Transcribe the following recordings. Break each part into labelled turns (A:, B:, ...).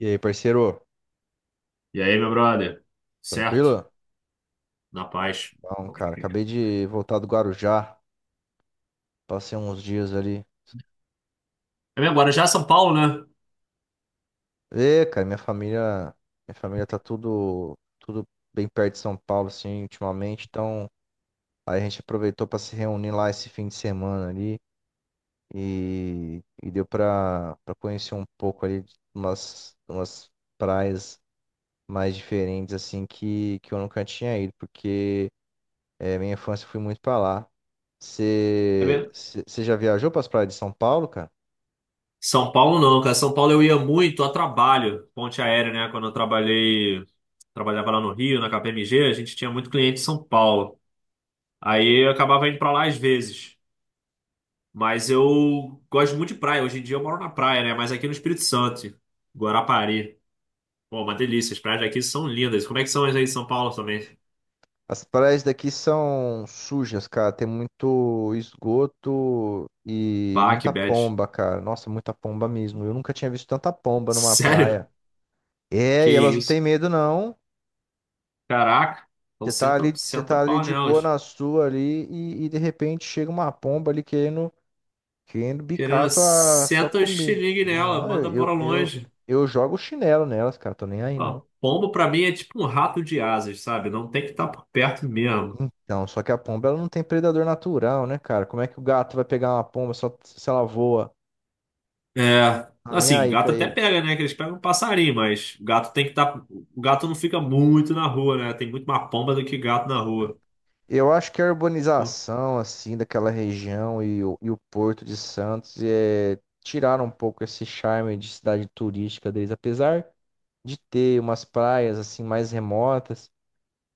A: E aí, parceiro?
B: E aí, meu brother? Certo?
A: Tranquilo?
B: Na paz.
A: Bom, cara, acabei de voltar do Guarujá. Passei uns dias ali.
B: É mesmo, agora já é São Paulo, né?
A: Ê, cara, minha família tá tudo bem perto de São Paulo, assim, ultimamente. Então, aí a gente aproveitou pra se reunir lá esse fim de semana ali e deu pra conhecer um pouco ali de umas praias mais diferentes, assim, que eu nunca tinha ido, porque minha infância eu fui muito pra lá.
B: É
A: Você
B: mesmo?
A: você- você já viajou para as praias de São Paulo, cara?
B: São Paulo não, cara. São Paulo eu ia muito a trabalho, ponte aérea, né? Quando eu trabalhava lá no Rio, na KPMG, a gente tinha muito cliente em São Paulo. Aí eu acabava indo pra lá às vezes. Mas eu gosto muito de praia. Hoje em dia eu moro na praia, né? Mas aqui no Espírito Santo, Guarapari. Pô, uma delícia. As praias daqui são lindas. Como é que são as aí em São Paulo também?
A: As praias daqui são sujas, cara. Tem muito esgoto e
B: Bah, que
A: muita
B: bad.
A: pomba, cara. Nossa, muita pomba mesmo. Eu nunca tinha visto tanta pomba numa
B: Sério?
A: praia. É,
B: Que
A: e elas não têm
B: isso?
A: medo, não.
B: Caraca, então senta,
A: Você
B: senta
A: tá ali
B: pau
A: de boa
B: nelas.
A: na sua ali e de repente chega uma pomba ali querendo, querendo bicar a
B: Querendo,
A: tua
B: senta o
A: comida.
B: xilingue nela,
A: Não, eu,
B: manda
A: eu,
B: pra
A: eu,
B: longe.
A: eu jogo chinelo nelas, cara. Tô nem aí,
B: Ó,
A: não.
B: pombo pra mim é tipo um rato de asas, sabe? Não tem que estar por perto mesmo.
A: Então, só que a pomba ela não tem predador natural, né, cara? Como é que o gato vai pegar uma pomba só se ela voa?
B: É,
A: Tá nem
B: assim,
A: aí pra
B: gato até
A: ele.
B: pega, né? Que eles pegam um passarinho, mas gato tem que estar. O gato não fica muito na rua, né? Tem muito mais pomba do que gato na
A: Então,
B: rua.
A: eu acho que a
B: Pô.
A: urbanização, assim, daquela região e o Porto de Santos tiraram um pouco esse charme de cidade turística deles, apesar de ter umas praias, assim, mais remotas,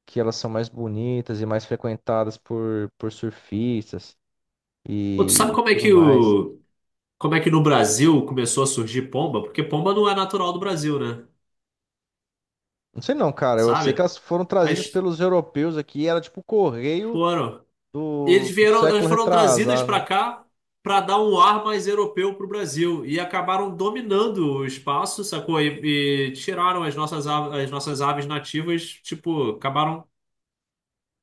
A: que elas são mais bonitas e mais frequentadas por surfistas
B: Pô, tu sabe
A: e
B: como é
A: tudo
B: que
A: mais.
B: o. Como é que no Brasil começou a surgir pomba? Porque pomba não é natural do Brasil, né?
A: Não sei não, cara. Eu sei que elas
B: Sabe?
A: foram
B: Aí
A: trazidas pelos europeus aqui. Era tipo o correio
B: foram.
A: do,
B: Eles
A: do
B: vieram, elas
A: século
B: foram trazidas
A: retrasado,
B: para
A: né?
B: cá para dar um ar mais europeu para o Brasil e acabaram dominando o espaço, sacou? E tiraram as nossas aves nativas, tipo, acabaram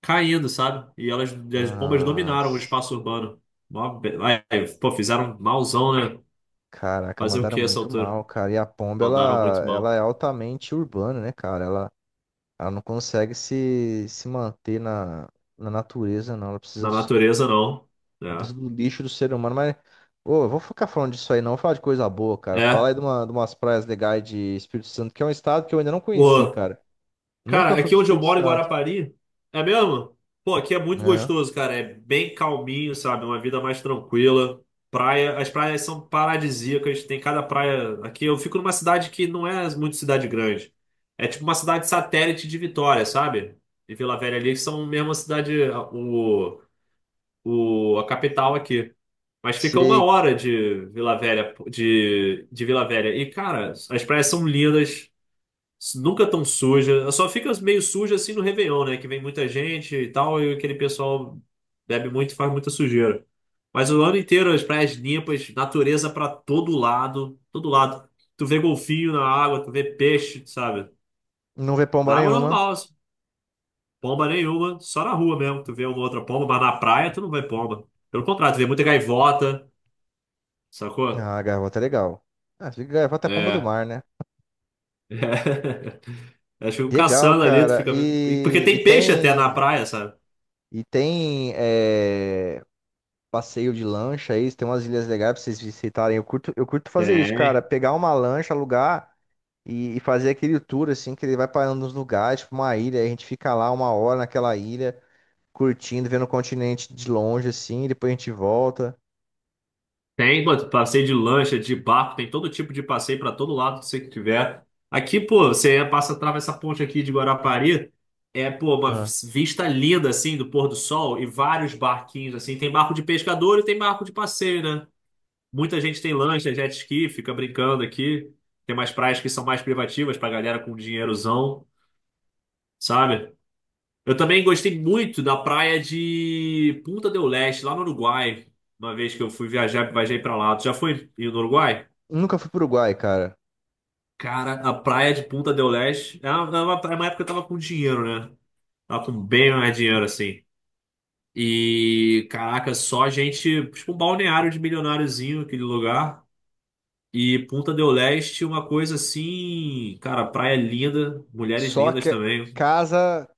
B: caindo, sabe? E elas, as pombas dominaram o
A: Mas,
B: espaço urbano. Mó be- ai, Pô, fizeram malzão, né?
A: caraca,
B: Fazer o
A: mandaram
B: que essa
A: muito
B: altura?
A: mal, cara. E a pomba,
B: Mandaram muito
A: ela
B: mal.
A: é altamente urbana, né, cara? Ela não consegue se manter na natureza, não. Ela precisa
B: Na
A: do, ser-
B: natureza, não.
A: ela precisa do lixo do ser humano. Mas, ô, eu vou ficar falando disso aí, não. Vou falar de coisa boa,
B: É.
A: cara. Fala aí
B: É.
A: de umas praias legais de Espírito Santo, que é um estado que eu ainda não conheci,
B: Pô.
A: cara. Nunca
B: Cara,
A: fui
B: aqui
A: pro
B: onde eu
A: Espírito
B: moro, em
A: Santo,
B: Guarapari, é mesmo? Pô, aqui é muito
A: né?
B: gostoso, cara. É bem calminho, sabe? É uma vida mais tranquila. As praias são paradisíacas. Tem cada praia. Aqui eu fico numa cidade que não é muito cidade grande. É tipo uma cidade satélite de Vitória, sabe? E Vila Velha ali, que são mesmo a cidade, a capital aqui. Mas fica uma
A: Se
B: hora de Vila Velha. E, cara, as praias são lindas. Nunca tão suja. Só fica meio suja assim no Réveillon, né? Que vem muita gente e tal, e aquele pessoal bebe muito e faz muita sujeira. Mas o ano inteiro as praias limpas, natureza pra todo lado, todo lado. Tu vê golfinho na água, tu vê peixe, sabe?
A: não vê pomba
B: Na água
A: nenhuma,
B: normal, assim. Pomba nenhuma, só na rua mesmo. Tu vê uma outra pomba, mas na praia tu não vê pomba. Pelo contrário, tu vê muita gaivota, sacou?
A: ah, a gaivota é legal. Ah, se gaivota é pomba do
B: É.
A: mar, né?
B: É. Elas ficam
A: Legal,
B: caçando ali, tu
A: cara.
B: fica vendo. Porque
A: E, e
B: tem peixe até na
A: tem
B: praia, sabe?
A: e tem é, passeio de lancha aí, tem umas ilhas legais pra vocês visitarem. Eu curto fazer isso,
B: Tem.
A: cara. Pegar uma lancha, alugar e fazer aquele tour assim, que ele vai parando nos lugares, tipo uma ilha, aí a gente fica lá uma hora naquela ilha, curtindo, vendo o continente de longe assim, e depois a gente volta.
B: Tem, pô, passeio de lancha, de barco, tem todo tipo de passeio para todo lado que você tiver. Aqui, pô, você passa, atravessa essa ponte aqui de Guarapari, é, pô, uma
A: Ah.
B: vista linda, assim, do pôr do sol e vários barquinhos, assim. Tem barco de pescador e tem barco de passeio, né? Muita gente tem lancha, jet ski, fica brincando aqui. Tem umas praias que são mais privativas pra galera com dinheirozão, sabe? Eu também gostei muito da praia de Punta del Este, lá no Uruguai. Uma vez que eu fui viajar, viajei pra lá. Tu já foi no Uruguai?
A: Nunca fui pro Uruguai, cara.
B: Cara, a praia de Punta del Este é uma, praia, uma época que eu tava com dinheiro, né? Tava com bem mais dinheiro, assim. E, caraca, só gente, tipo um balneário de milionáriozinho, aquele lugar. E Punta del Este, uma coisa assim, cara, praia linda, mulheres
A: Só
B: lindas
A: que
B: também.
A: casa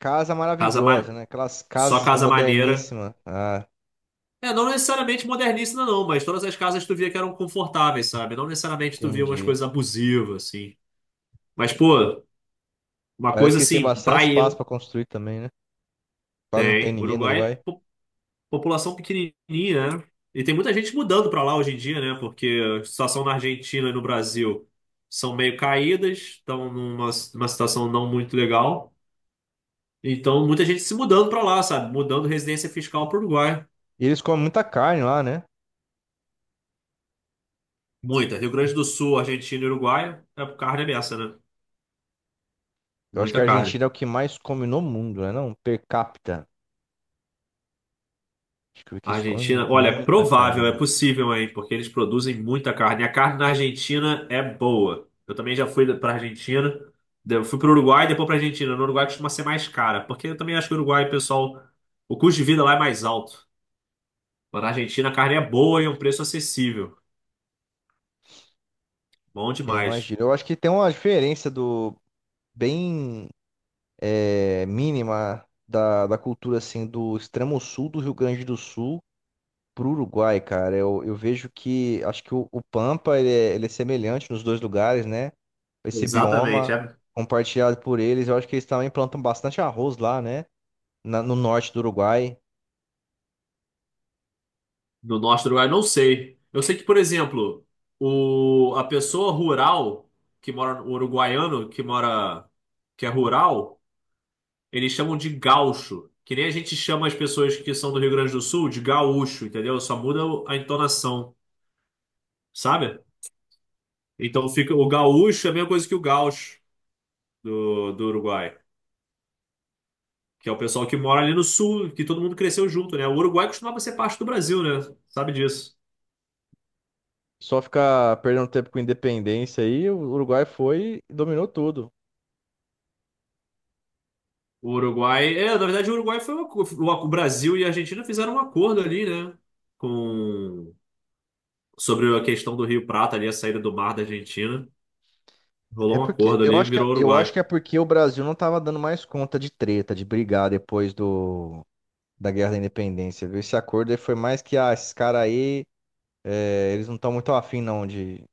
A: Casa
B: Casa
A: maravilhosa,
B: ma...
A: né? Aquelas
B: Só
A: casas
B: casa maneira.
A: moderníssimas. Ah,
B: É, não necessariamente modernista, não, mas todas as casas tu via que eram confortáveis, sabe? Não necessariamente tu via umas
A: entendi.
B: coisas abusivas, assim. Mas, pô, uma
A: Parece
B: coisa
A: que eles têm
B: assim,
A: bastante espaço
B: praião.
A: pra construir também, né? Quase não tem
B: Tem.
A: ninguém no
B: Uruguai,
A: Uruguai.
B: população pequenininha, né? E tem muita gente mudando para lá hoje em dia, né? Porque a situação na Argentina e no Brasil são meio caídas, estão numa situação não muito legal. Então, muita gente se mudando para lá, sabe? Mudando residência fiscal para o Uruguai.
A: E eles comem muita carne lá, né?
B: Muita. Rio Grande do Sul, Argentina e Uruguai, é carne é beça, né?
A: Eu acho que
B: Muita
A: a
B: carne.
A: Argentina é o que mais come no mundo, né? Não, per capita. Acho que
B: A
A: eles comem
B: Argentina, olha, é
A: muita carne
B: provável, é
A: mesmo.
B: possível, hein? Porque eles produzem muita carne. A carne na Argentina é boa. Eu também já fui pra Argentina, eu fui pro Uruguai e depois pra Argentina. No Uruguai costuma ser mais cara, porque eu também acho que o Uruguai, pessoal, o custo de vida lá é mais alto. Mas na Argentina a carne é boa e é um preço acessível. Bom
A: É,
B: demais.
A: imagina. Eu acho que tem uma diferença bem mínima da cultura assim do extremo sul do Rio Grande do Sul pro Uruguai, cara, eu vejo que acho que o Pampa ele é semelhante nos dois lugares, né? Esse
B: Exatamente,
A: bioma
B: é.
A: compartilhado por eles, eu acho que eles também plantam bastante arroz lá, né? No norte do Uruguai.
B: No norte do Uruguai, não sei. Eu sei que, por exemplo, a pessoa rural que mora, o uruguaiano que mora, que é rural, eles chamam de gaúcho, que nem a gente chama as pessoas que são do Rio Grande do Sul de gaúcho, entendeu? Só muda a entonação, sabe? Então fica o gaúcho é a mesma coisa que o gaúcho do Uruguai, que é o pessoal que mora ali no sul, que todo mundo cresceu junto, né? O Uruguai costumava ser parte do Brasil, né? Sabe disso.
A: Só ficar perdendo tempo com independência aí, o Uruguai foi e dominou tudo.
B: O Uruguai, é, na verdade o Uruguai foi uma, o Brasil e a Argentina fizeram um acordo ali, né? Com Sobre a questão do Rio Prata ali, a saída do mar da Argentina. Rolou
A: É
B: um
A: porque
B: acordo
A: eu
B: ali e
A: acho que
B: virou
A: eu acho
B: Uruguai.
A: que é porque o Brasil não tava dando mais conta de treta, de brigar depois do da Guerra da Independência, viu? Esse acordo aí foi mais que esses caras aí, eles não estão muito afim não de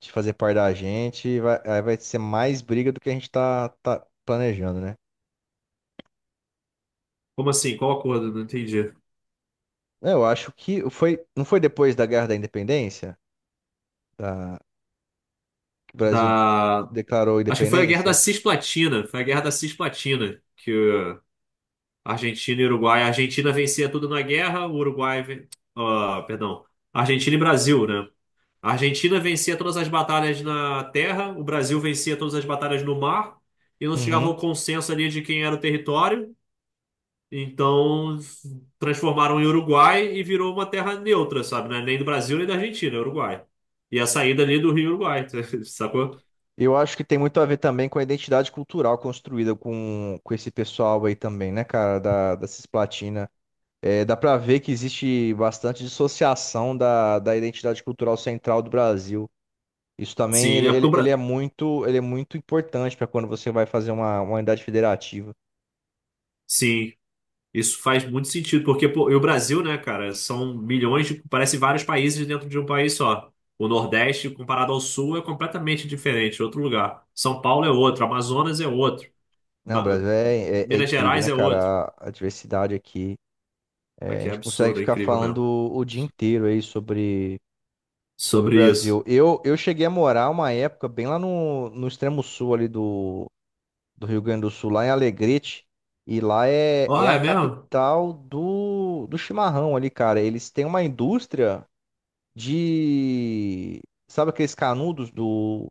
A: fazer parte da gente, e vai, aí vai ser mais briga do que a gente tá planejando, né?
B: Como assim? Qual acordo? Não entendi.
A: Eu acho que foi, não foi depois da Guerra da Independência, da, que o Brasil
B: Da.
A: declarou a
B: Acho que foi a Guerra da
A: independência?
B: Cisplatina. Foi a Guerra da Cisplatina que Argentina e Uruguai. A Argentina vencia tudo na guerra, o Uruguai. Ah, perdão. Argentina e Brasil, né? A Argentina vencia todas as batalhas na terra, o Brasil vencia todas as batalhas no mar, e não se chegava
A: Uhum.
B: ao consenso ali de quem era o território. Então transformaram em Uruguai e virou uma terra neutra, sabe? Né? Nem do Brasil nem da Argentina, é Uruguai. E a saída ali do Rio Uruguai, sacou?
A: Eu acho que tem muito a ver também com a identidade cultural construída com esse pessoal aí também, né, cara, da Cisplatina. É, dá pra ver que existe bastante dissociação da identidade cultural central do Brasil. Isso também,
B: Sim,
A: ele,
B: é porque
A: ele,
B: o
A: ele é
B: Brasil.
A: muito, ele é muito importante para quando você vai fazer uma unidade federativa.
B: Sim, isso faz muito sentido, porque pô, e o Brasil, né, cara, são milhões de. Parece vários países dentro de um país só. O Nordeste, comparado ao Sul, é completamente diferente, é outro lugar. São Paulo é outro, Amazonas é outro,
A: Não, o
B: Ma-
A: Brasil é
B: Minas
A: incrível,
B: Gerais
A: né,
B: é outro.
A: cara? A diversidade aqui. É, a
B: Aqui é
A: gente consegue
B: absurdo, é
A: ficar
B: incrível
A: falando
B: mesmo.
A: o dia inteiro aí sobre o
B: Sobre isso.
A: Brasil. Eu cheguei a morar uma época bem lá no extremo sul ali do Rio Grande do Sul, lá em Alegrete. E lá é,
B: Ó,
A: é a
B: é mesmo?
A: capital do chimarrão ali, cara. Eles têm uma indústria de... Sabe aqueles canudos do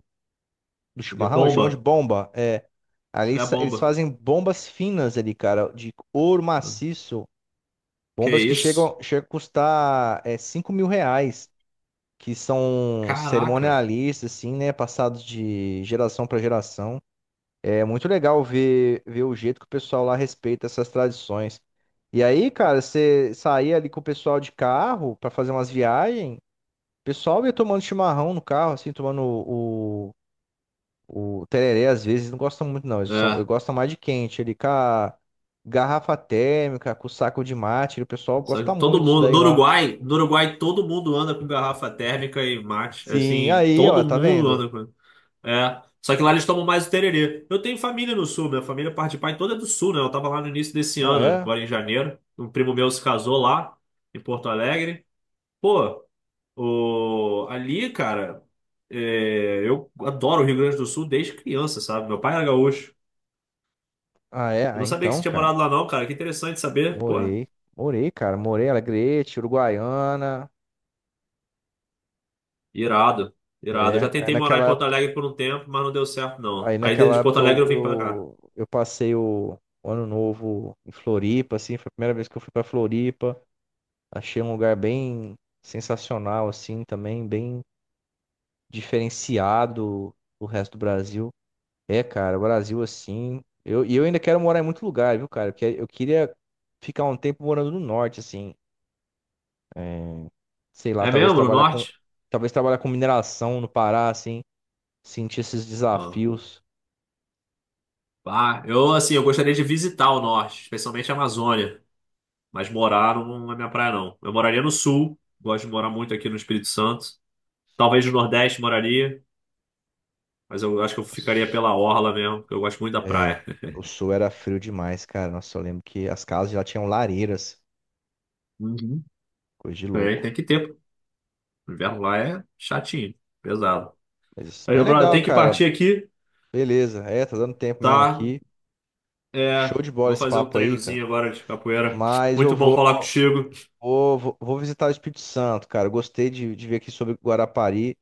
A: do
B: De
A: chimarrão, eles chamam de
B: bomba?
A: bomba. É, ali
B: É a
A: eles
B: bomba.
A: fazem bombas finas ali, cara, de ouro
B: Ah,
A: maciço.
B: que
A: Bombas que
B: isso?
A: chegam a custar 5 mil reais, que são
B: Caraca.
A: cerimonialistas, assim, né? Passados de geração para geração. É muito legal ver o jeito que o pessoal lá respeita essas tradições. E aí, cara, você saía ali com o pessoal de carro para fazer umas viagens, o pessoal ia tomando chimarrão no carro, assim, tomando o tereré, às vezes, não gostam muito, não. Eu
B: É.
A: gosto mais de quente. Ele com a garrafa térmica, com o saco de mate. O pessoal
B: Só que
A: gosta
B: todo
A: muito disso
B: mundo, no
A: daí lá.
B: Uruguai, no Uruguai todo mundo anda com garrafa térmica e mate.
A: Sim,
B: Assim,
A: aí, ó,
B: todo
A: tá
B: mundo
A: vendo?
B: anda com. É. Só que lá eles tomam mais o tererê. Eu tenho família no sul, minha família parte de pai toda é do sul, né? Eu tava lá no início desse
A: Ah,
B: ano,
A: é?
B: agora em janeiro. Um primo meu se casou lá, em Porto Alegre. Pô, o... ali, cara, é, eu adoro o Rio Grande do Sul desde criança, sabe? Meu pai era gaúcho.
A: Ah, é?
B: Eu
A: Ah,
B: não sabia que você
A: então,
B: tinha
A: cara.
B: morado lá, não, cara. Que interessante saber. Pô,
A: Morei. Morei, cara. Morei em Alegrete, Uruguaiana.
B: irado, irado. Eu já
A: É, aí
B: tentei morar em
A: naquela
B: Porto
A: época,
B: Alegre por um tempo, mas não deu certo, não.
A: aí
B: Aí de
A: naquela
B: Porto
A: época
B: Alegre
A: eu,
B: eu vim pra cá.
A: eu, eu passei o ano novo em Floripa, assim. Foi a primeira vez que eu fui pra Floripa. Achei um lugar bem sensacional, assim, também. Bem diferenciado do resto do Brasil. É, cara, o Brasil assim. E eu ainda quero morar em muito lugar, viu, cara? Porque eu queria ficar um tempo morando no norte, assim. É, sei lá,
B: É
A: talvez
B: mesmo? No
A: trabalhar com.
B: norte?
A: Talvez trabalhar com mineração no Pará, assim. Sentir esses
B: Ah,
A: desafios.
B: pá, eu assim, eu gostaria de visitar o norte, especialmente a Amazônia, mas morar não, não é minha praia, não. Eu moraria no sul, gosto de morar muito aqui no Espírito Santo. Talvez no Nordeste moraria, mas eu acho que eu ficaria
A: Nossa,
B: pela orla mesmo, porque eu gosto muito da praia.
A: É, o sul era frio demais, cara. Nossa, eu lembro que as casas já tinham lareiras.
B: Uhum.
A: Coisa de
B: Tem,
A: louco.
B: tem que ter, pô. O inverno lá é chatinho, pesado.
A: Mas,
B: Aí,
A: mas
B: meu brother, eu
A: legal,
B: tenho que partir
A: cara.
B: aqui,
A: Beleza. É, tá dando tempo mesmo
B: tá?
A: aqui. Show
B: É,
A: de bola
B: vou
A: esse
B: fazer um
A: papo aí, cara.
B: treinozinho agora de capoeira.
A: Mas eu
B: Muito bom
A: vou.
B: falar contigo.
A: Vou visitar o Espírito Santo, cara. Gostei de ver aqui sobre Guarapari.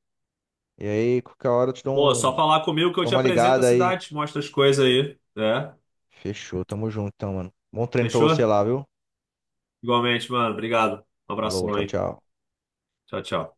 A: E aí, qualquer hora eu te dou,
B: Pô,
A: um,
B: só falar comigo que eu
A: dou
B: te
A: uma
B: apresento a
A: ligada aí.
B: cidade, te mostro as coisas aí. É,
A: Fechou, tamo junto então, mano. Bom treino pra você
B: fechou?
A: lá, viu?
B: Igualmente, mano. Obrigado. Um
A: Falou,
B: abração
A: tchau,
B: aí.
A: tchau.
B: Tchau, tchau.